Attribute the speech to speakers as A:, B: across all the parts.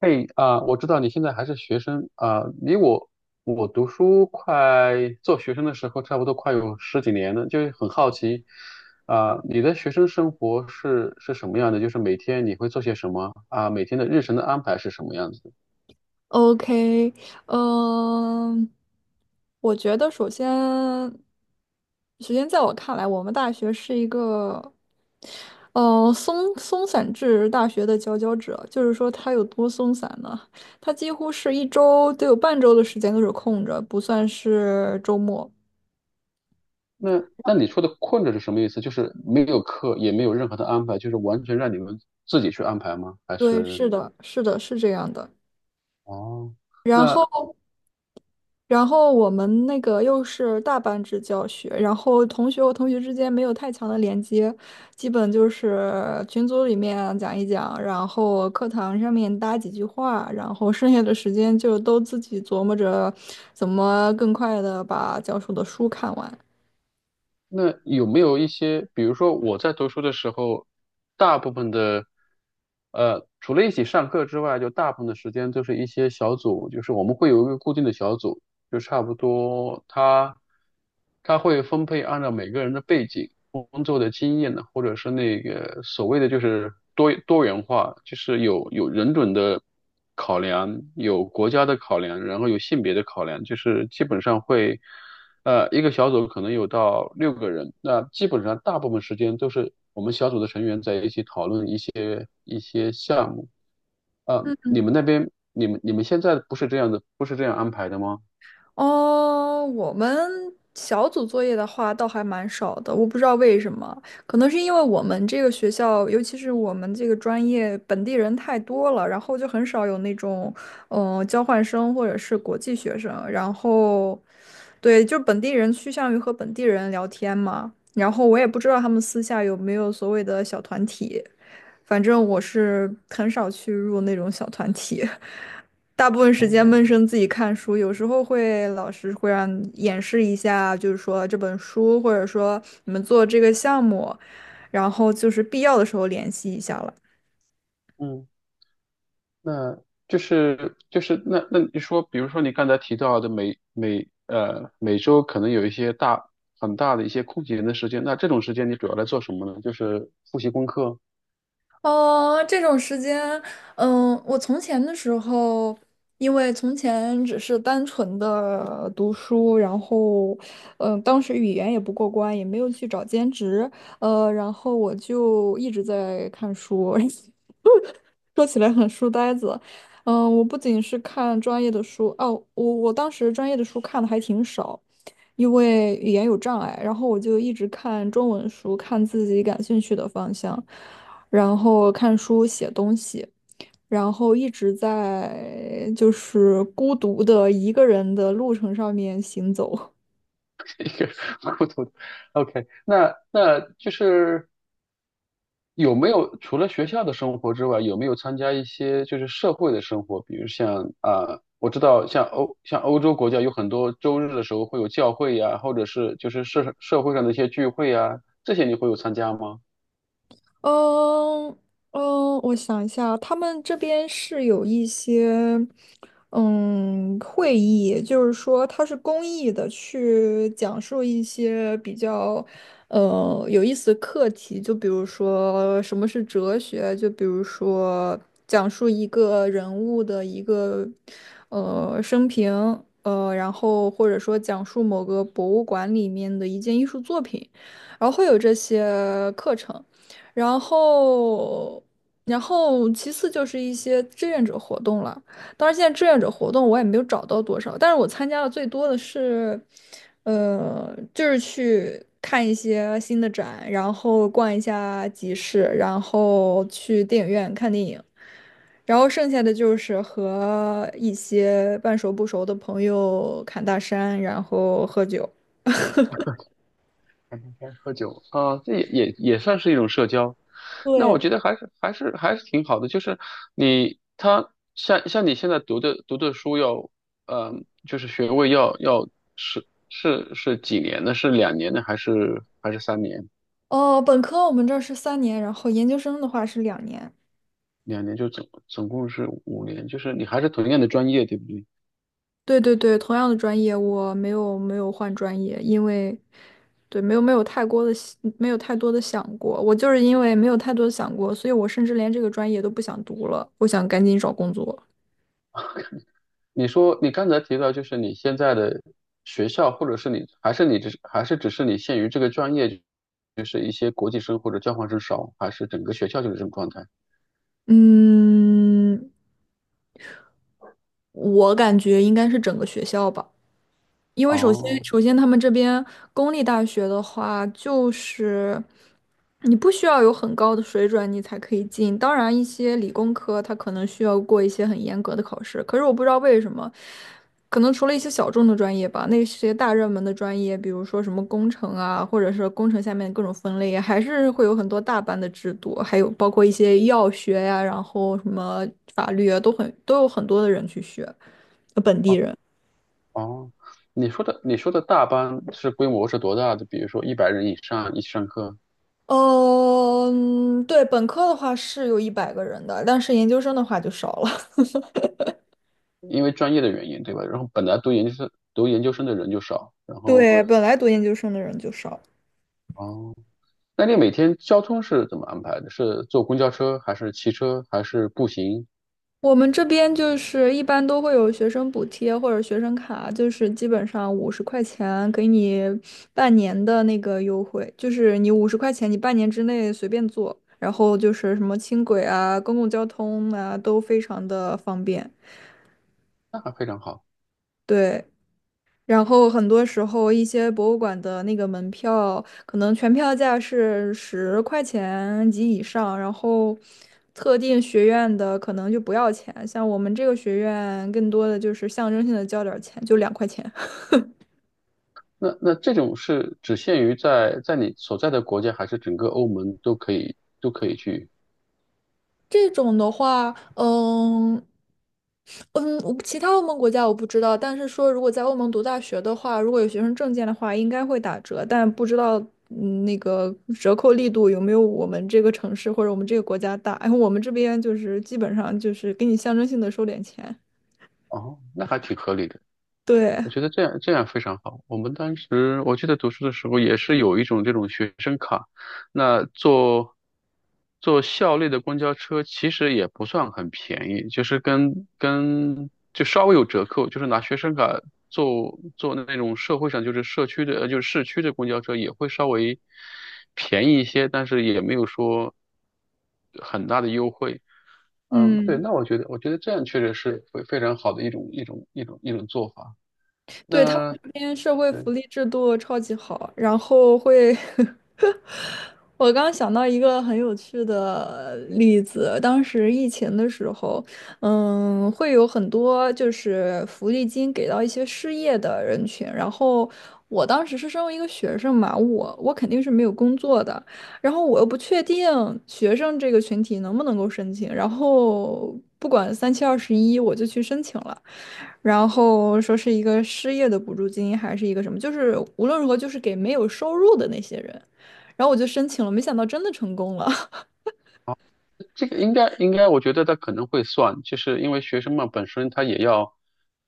A: 嘿，我知道你现在还是学生，离我读书快做学生的时候，差不多快有十几年了，很好奇，你的学生生活是什么样的？就是每天你会做些什么，每天的日程的安排是什么样子的。
B: OK，嗯、我觉得首先在我看来，我们大学是一个，松松散制大学的佼佼者。就是说，它有多松散呢？它几乎是一周都有半周的时间都是空着，不算是周末。
A: 那你说的困着是什么意思？就是没有课，也没有任何的安排，就是完全让你们自己去安排吗？还
B: 对，
A: 是
B: 是的，是的，是这样的。
A: 哦，
B: 然
A: 那
B: 后。然后我们那个又是大班制教学，然后同学和同学之间没有太强的连接，基本就是群组里面讲一讲，然后课堂上面搭几句话，然后剩下的时间就都自己琢磨着怎么更快的把教授的书看完。
A: 那有没有一些，比如说我在读书的时候，大部分的，除了一起上课之外，就大部分的时间都是一些小组，就是我们会有一个固定的小组，就差不多他会分配按照每个人的背景、工作的经验呢，或者是那个所谓的就是多元化，就是有人种的考量，有国家的考量，然后有性别的考量，就是基本上会。一个小组可能有到六个人，那基本上大部分时间都是我们小组的成员在一起讨论一些项目。你们那边，你们现在不是这样的，不是这样安排的吗？
B: 哦，我们小组作业的话倒还蛮少的，我不知道为什么，可能是因为我们这个学校，尤其是我们这个专业，本地人太多了，然后就很少有那种，交换生或者是国际学生，然后，对，就本地人趋向于和本地人聊天嘛，然后我也不知道他们私下有没有所谓的小团体，反正我是很少去入那种小团体。大部分时
A: 哦，
B: 间闷声自己看书，有时候会老师会让演示一下，就是说这本书，或者说你们做这个项目，然后就是必要的时候联系一下了。
A: 嗯，那就是就是那那你说，比如说你刚才提到的每周可能有一些很大的一些空闲的时间，那这种时间你主要来做什么呢？就是复习功课，
B: 哦，这种时间，嗯，我从前的时候，因为从前只是单纯的读书，然后，嗯，当时语言也不过关，也没有去找兼职，然后我就一直在看书，说起来很书呆子，嗯，我不仅是看专业的书，哦，我当时专业的书看的还挺少，因为语言有障碍，然后我就一直看中文书，看自己感兴趣的方向。然后看书、写东西，然后一直在就是孤独的一个人的路程上面行走。
A: 一个糊涂的。OK，那就是。有没有除了学校的生活之外，有没有参加一些就是社会的生活？比如像我知道像欧洲国家有很多周日的时候会有教会，或者是就是社会上的一些聚会，这些你会有参加吗？
B: 嗯嗯，我想一下啊，他们这边是有一些会议，就是说它是公益的，去讲述一些比较有意思的课题，就比如说什么是哲学，就比如说讲述一个人物的一个生平，然后或者说讲述某个博物馆里面的一件艺术作品，然后会有这些课程。然后，然后其次就是一些志愿者活动了。当然，现在志愿者活动我也没有找到多少，但是我参加的最多的是，就是去看一些新的展，然后逛一下集市，然后去电影院看电影，然后剩下的就是和一些半熟不熟的朋友侃大山，然后喝酒。
A: 天天喝酒啊，这也算是一种社交。那我
B: 对，
A: 觉得还是挺好的，就是你他像你现在读的书要，就是学位要是几年呢？是两年呢，还是三年？
B: 哦，本科我们这儿是3年，然后研究生的话是2年。
A: 两年就总共是五年，就是你还是同样的专业，对不对？
B: 对对对，同样的专业，我没有换专业，因为对没有没有太过的没有太多的想过，我就是因为没有太多的想过，所以我甚至连这个专业都不想读了，我想赶紧找工作。
A: 你说你刚才提到，就是你现在的学校，或者是你还是你只是还是只是你限于这个专业，就是一些国际生或者交换生少，还是整个学校就是这种状态？
B: 嗯，我感觉应该是整个学校吧。因为
A: 哦
B: 首先他们这边公立大学的话，就是你不需要有很高的水准，你才可以进。当然，一些理工科它可能需要过一些很严格的考试，可是我不知道为什么，可能除了一些小众的专业吧，那些大热门的专业，比如说什么工程啊，或者是工程下面的各种分类啊还是会有很多大班的制度，还有包括一些药学呀、然后什么法律啊，都很都有很多的人去学，本地
A: 哦
B: 人。
A: 哦，你说的大班是规模是多大的？比如说一百人以上一起上课。
B: 嗯，对，本科的话是有100个人的，但是研究生的话就少了。
A: 因为专业的原因，对吧？然后本来读研究生的人就少，然 后
B: 对，本来读研究生的人就少。
A: 哦，那你每天交通是怎么安排的？是坐公交车还是骑车还是步行？
B: 我们这边就是一般都会有学生补贴或者学生卡，就是基本上五十块钱给你半年的那个优惠，就是你五十块钱你半年之内随便坐，然后就是什么轻轨啊、公共交通啊都非常的方便。
A: 那还非常好。
B: 对，然后很多时候，一些博物馆的那个门票，可能全票价是十块钱及以上，然后特定学院的可能就不要钱。像我们这个学院，更多的就是象征性的交点儿钱，就2块钱。
A: 那这种是只限于在你所在的国家，还是整个欧盟都可以去？
B: 这种的话，嗯。嗯，我不其他欧盟国家我不知道，但是说如果在欧盟读大学的话，如果有学生证件的话，应该会打折，但不知道那个折扣力度有没有我们这个城市或者我们这个国家大。然后我们这边就是基本上就是给你象征性的收点钱。
A: 哦，那还挺合理的。
B: 对，
A: 我觉得这样非常好。我们当时我记得读书的时候也是有一种这种学生卡，那坐校内的公交车其实也不算很便宜，就是跟就稍微有折扣，就是拿学生卡坐那种社会上就是社区的就是市区的公交车也会稍微便宜一些，但是也没有说很大的优惠。嗯，对，
B: 嗯，
A: 那我觉得这样确实是非常好的一种做法。
B: 对，他们
A: 那
B: 这边社会福
A: 嗯，
B: 利制度超级好，然后会 我刚想到一个很有趣的例子，当时疫情的时候，嗯，会有很多就是福利金给到一些失业的人群，然后我当时是身为一个学生嘛，我肯定是没有工作的，然后我又不确定学生这个群体能不能够申请，然后不管三七二十一，我就去申请了。然后说是一个失业的补助金，还是一个什么，就是无论如何就是给没有收入的那些人。然后我就申请了，没想到真的成功了。
A: 这个应该，我觉得他可能会算，就是因为学生嘛，本身他也要，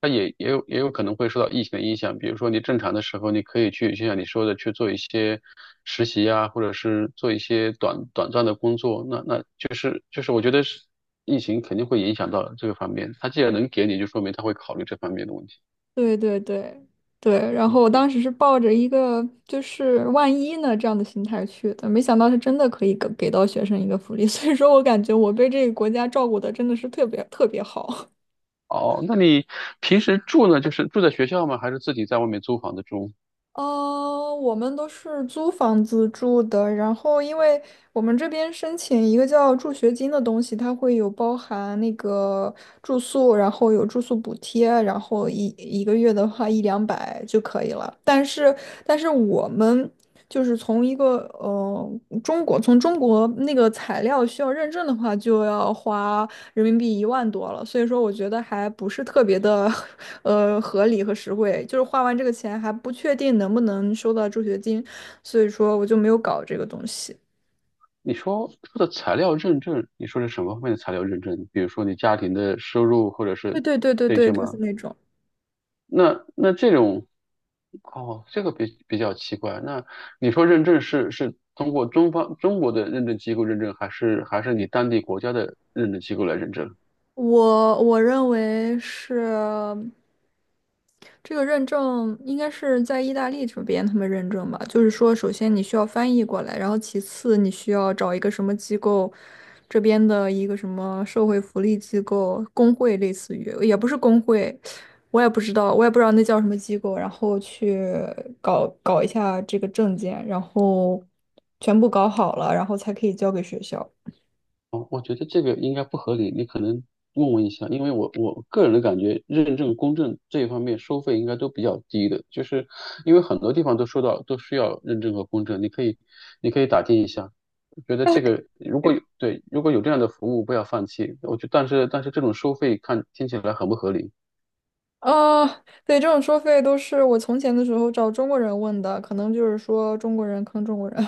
A: 他也有可能会受到疫情的影响。比如说你正常的时候，你可以去，就像你说的，去做一些实习啊，或者是做一些短暂的工作。那那就是就是，我觉得是疫情肯定会影响到这个方面。他既然能给你，就说明他会考虑这方面的问题。
B: 对对对对，然后我当时是抱着一个就是万一呢这样的心态去的，没想到是真的可以给到学生一个福利，所以说我感觉我被这个国家照顾的真的是特别特别好。
A: 哦，那你平时住呢，就是住在学校吗？还是自己在外面租房子住？
B: 我们都是租房子住的，然后因为我们这边申请一个叫助学金的东西，它会有包含那个住宿，然后有住宿补贴，然后一个月的话一两百就可以了。但是我们就是从一个中国从中国那个材料需要认证的话，就要花人民币10000多了，所以说我觉得还不是特别的 合理和实惠，就是花完这个钱还不确定能不能收到助学金，所以说我就没有搞这个东西。
A: 你说的材料认证，你说是什么方面的材料认证？比如说你家庭的收入或者
B: 对
A: 是
B: 对对对
A: 这
B: 对，
A: 些
B: 就是
A: 吗？
B: 那种。
A: 那这种，哦，这个比较奇怪。那你说认证是通过中方中国的认证机构认证，还是你当地国家的认证机构来认证？
B: 我认为是这个认证应该是在意大利这边他们认证吧，就是说，首先你需要翻译过来，然后其次你需要找一个什么机构，这边的一个什么社会福利机构、工会，类似于也不是工会，我也不知道，我也不知道那叫什么机构，然后去搞搞一下这个证件，然后全部搞好了，然后才可以交给学校。
A: 哦，我觉得这个应该不合理，你可能问一下，因为我个人的感觉，认证、公证这一方面收费应该都比较低的，就是因为很多地方都说到都需要认证和公证，你可以打听一下，我觉得这个如果有这样的服务，不要放弃。但是这种收费看听起来很不合理。
B: 啊，对，这种收费都是我从前的时候找中国人问的，可能就是说中国人坑中国人，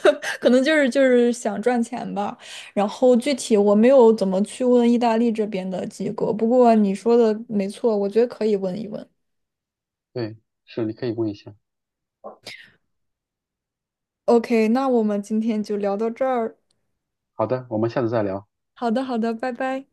B: 可能就是就是想赚钱吧。然后具体我没有怎么去问意大利这边的机构，不过你说的没错，我觉得可以问一问。
A: 对，是你可以问一下。
B: OK,那我们今天就聊到这儿。
A: 好的，我们下次再聊。
B: 好的，好的，拜拜。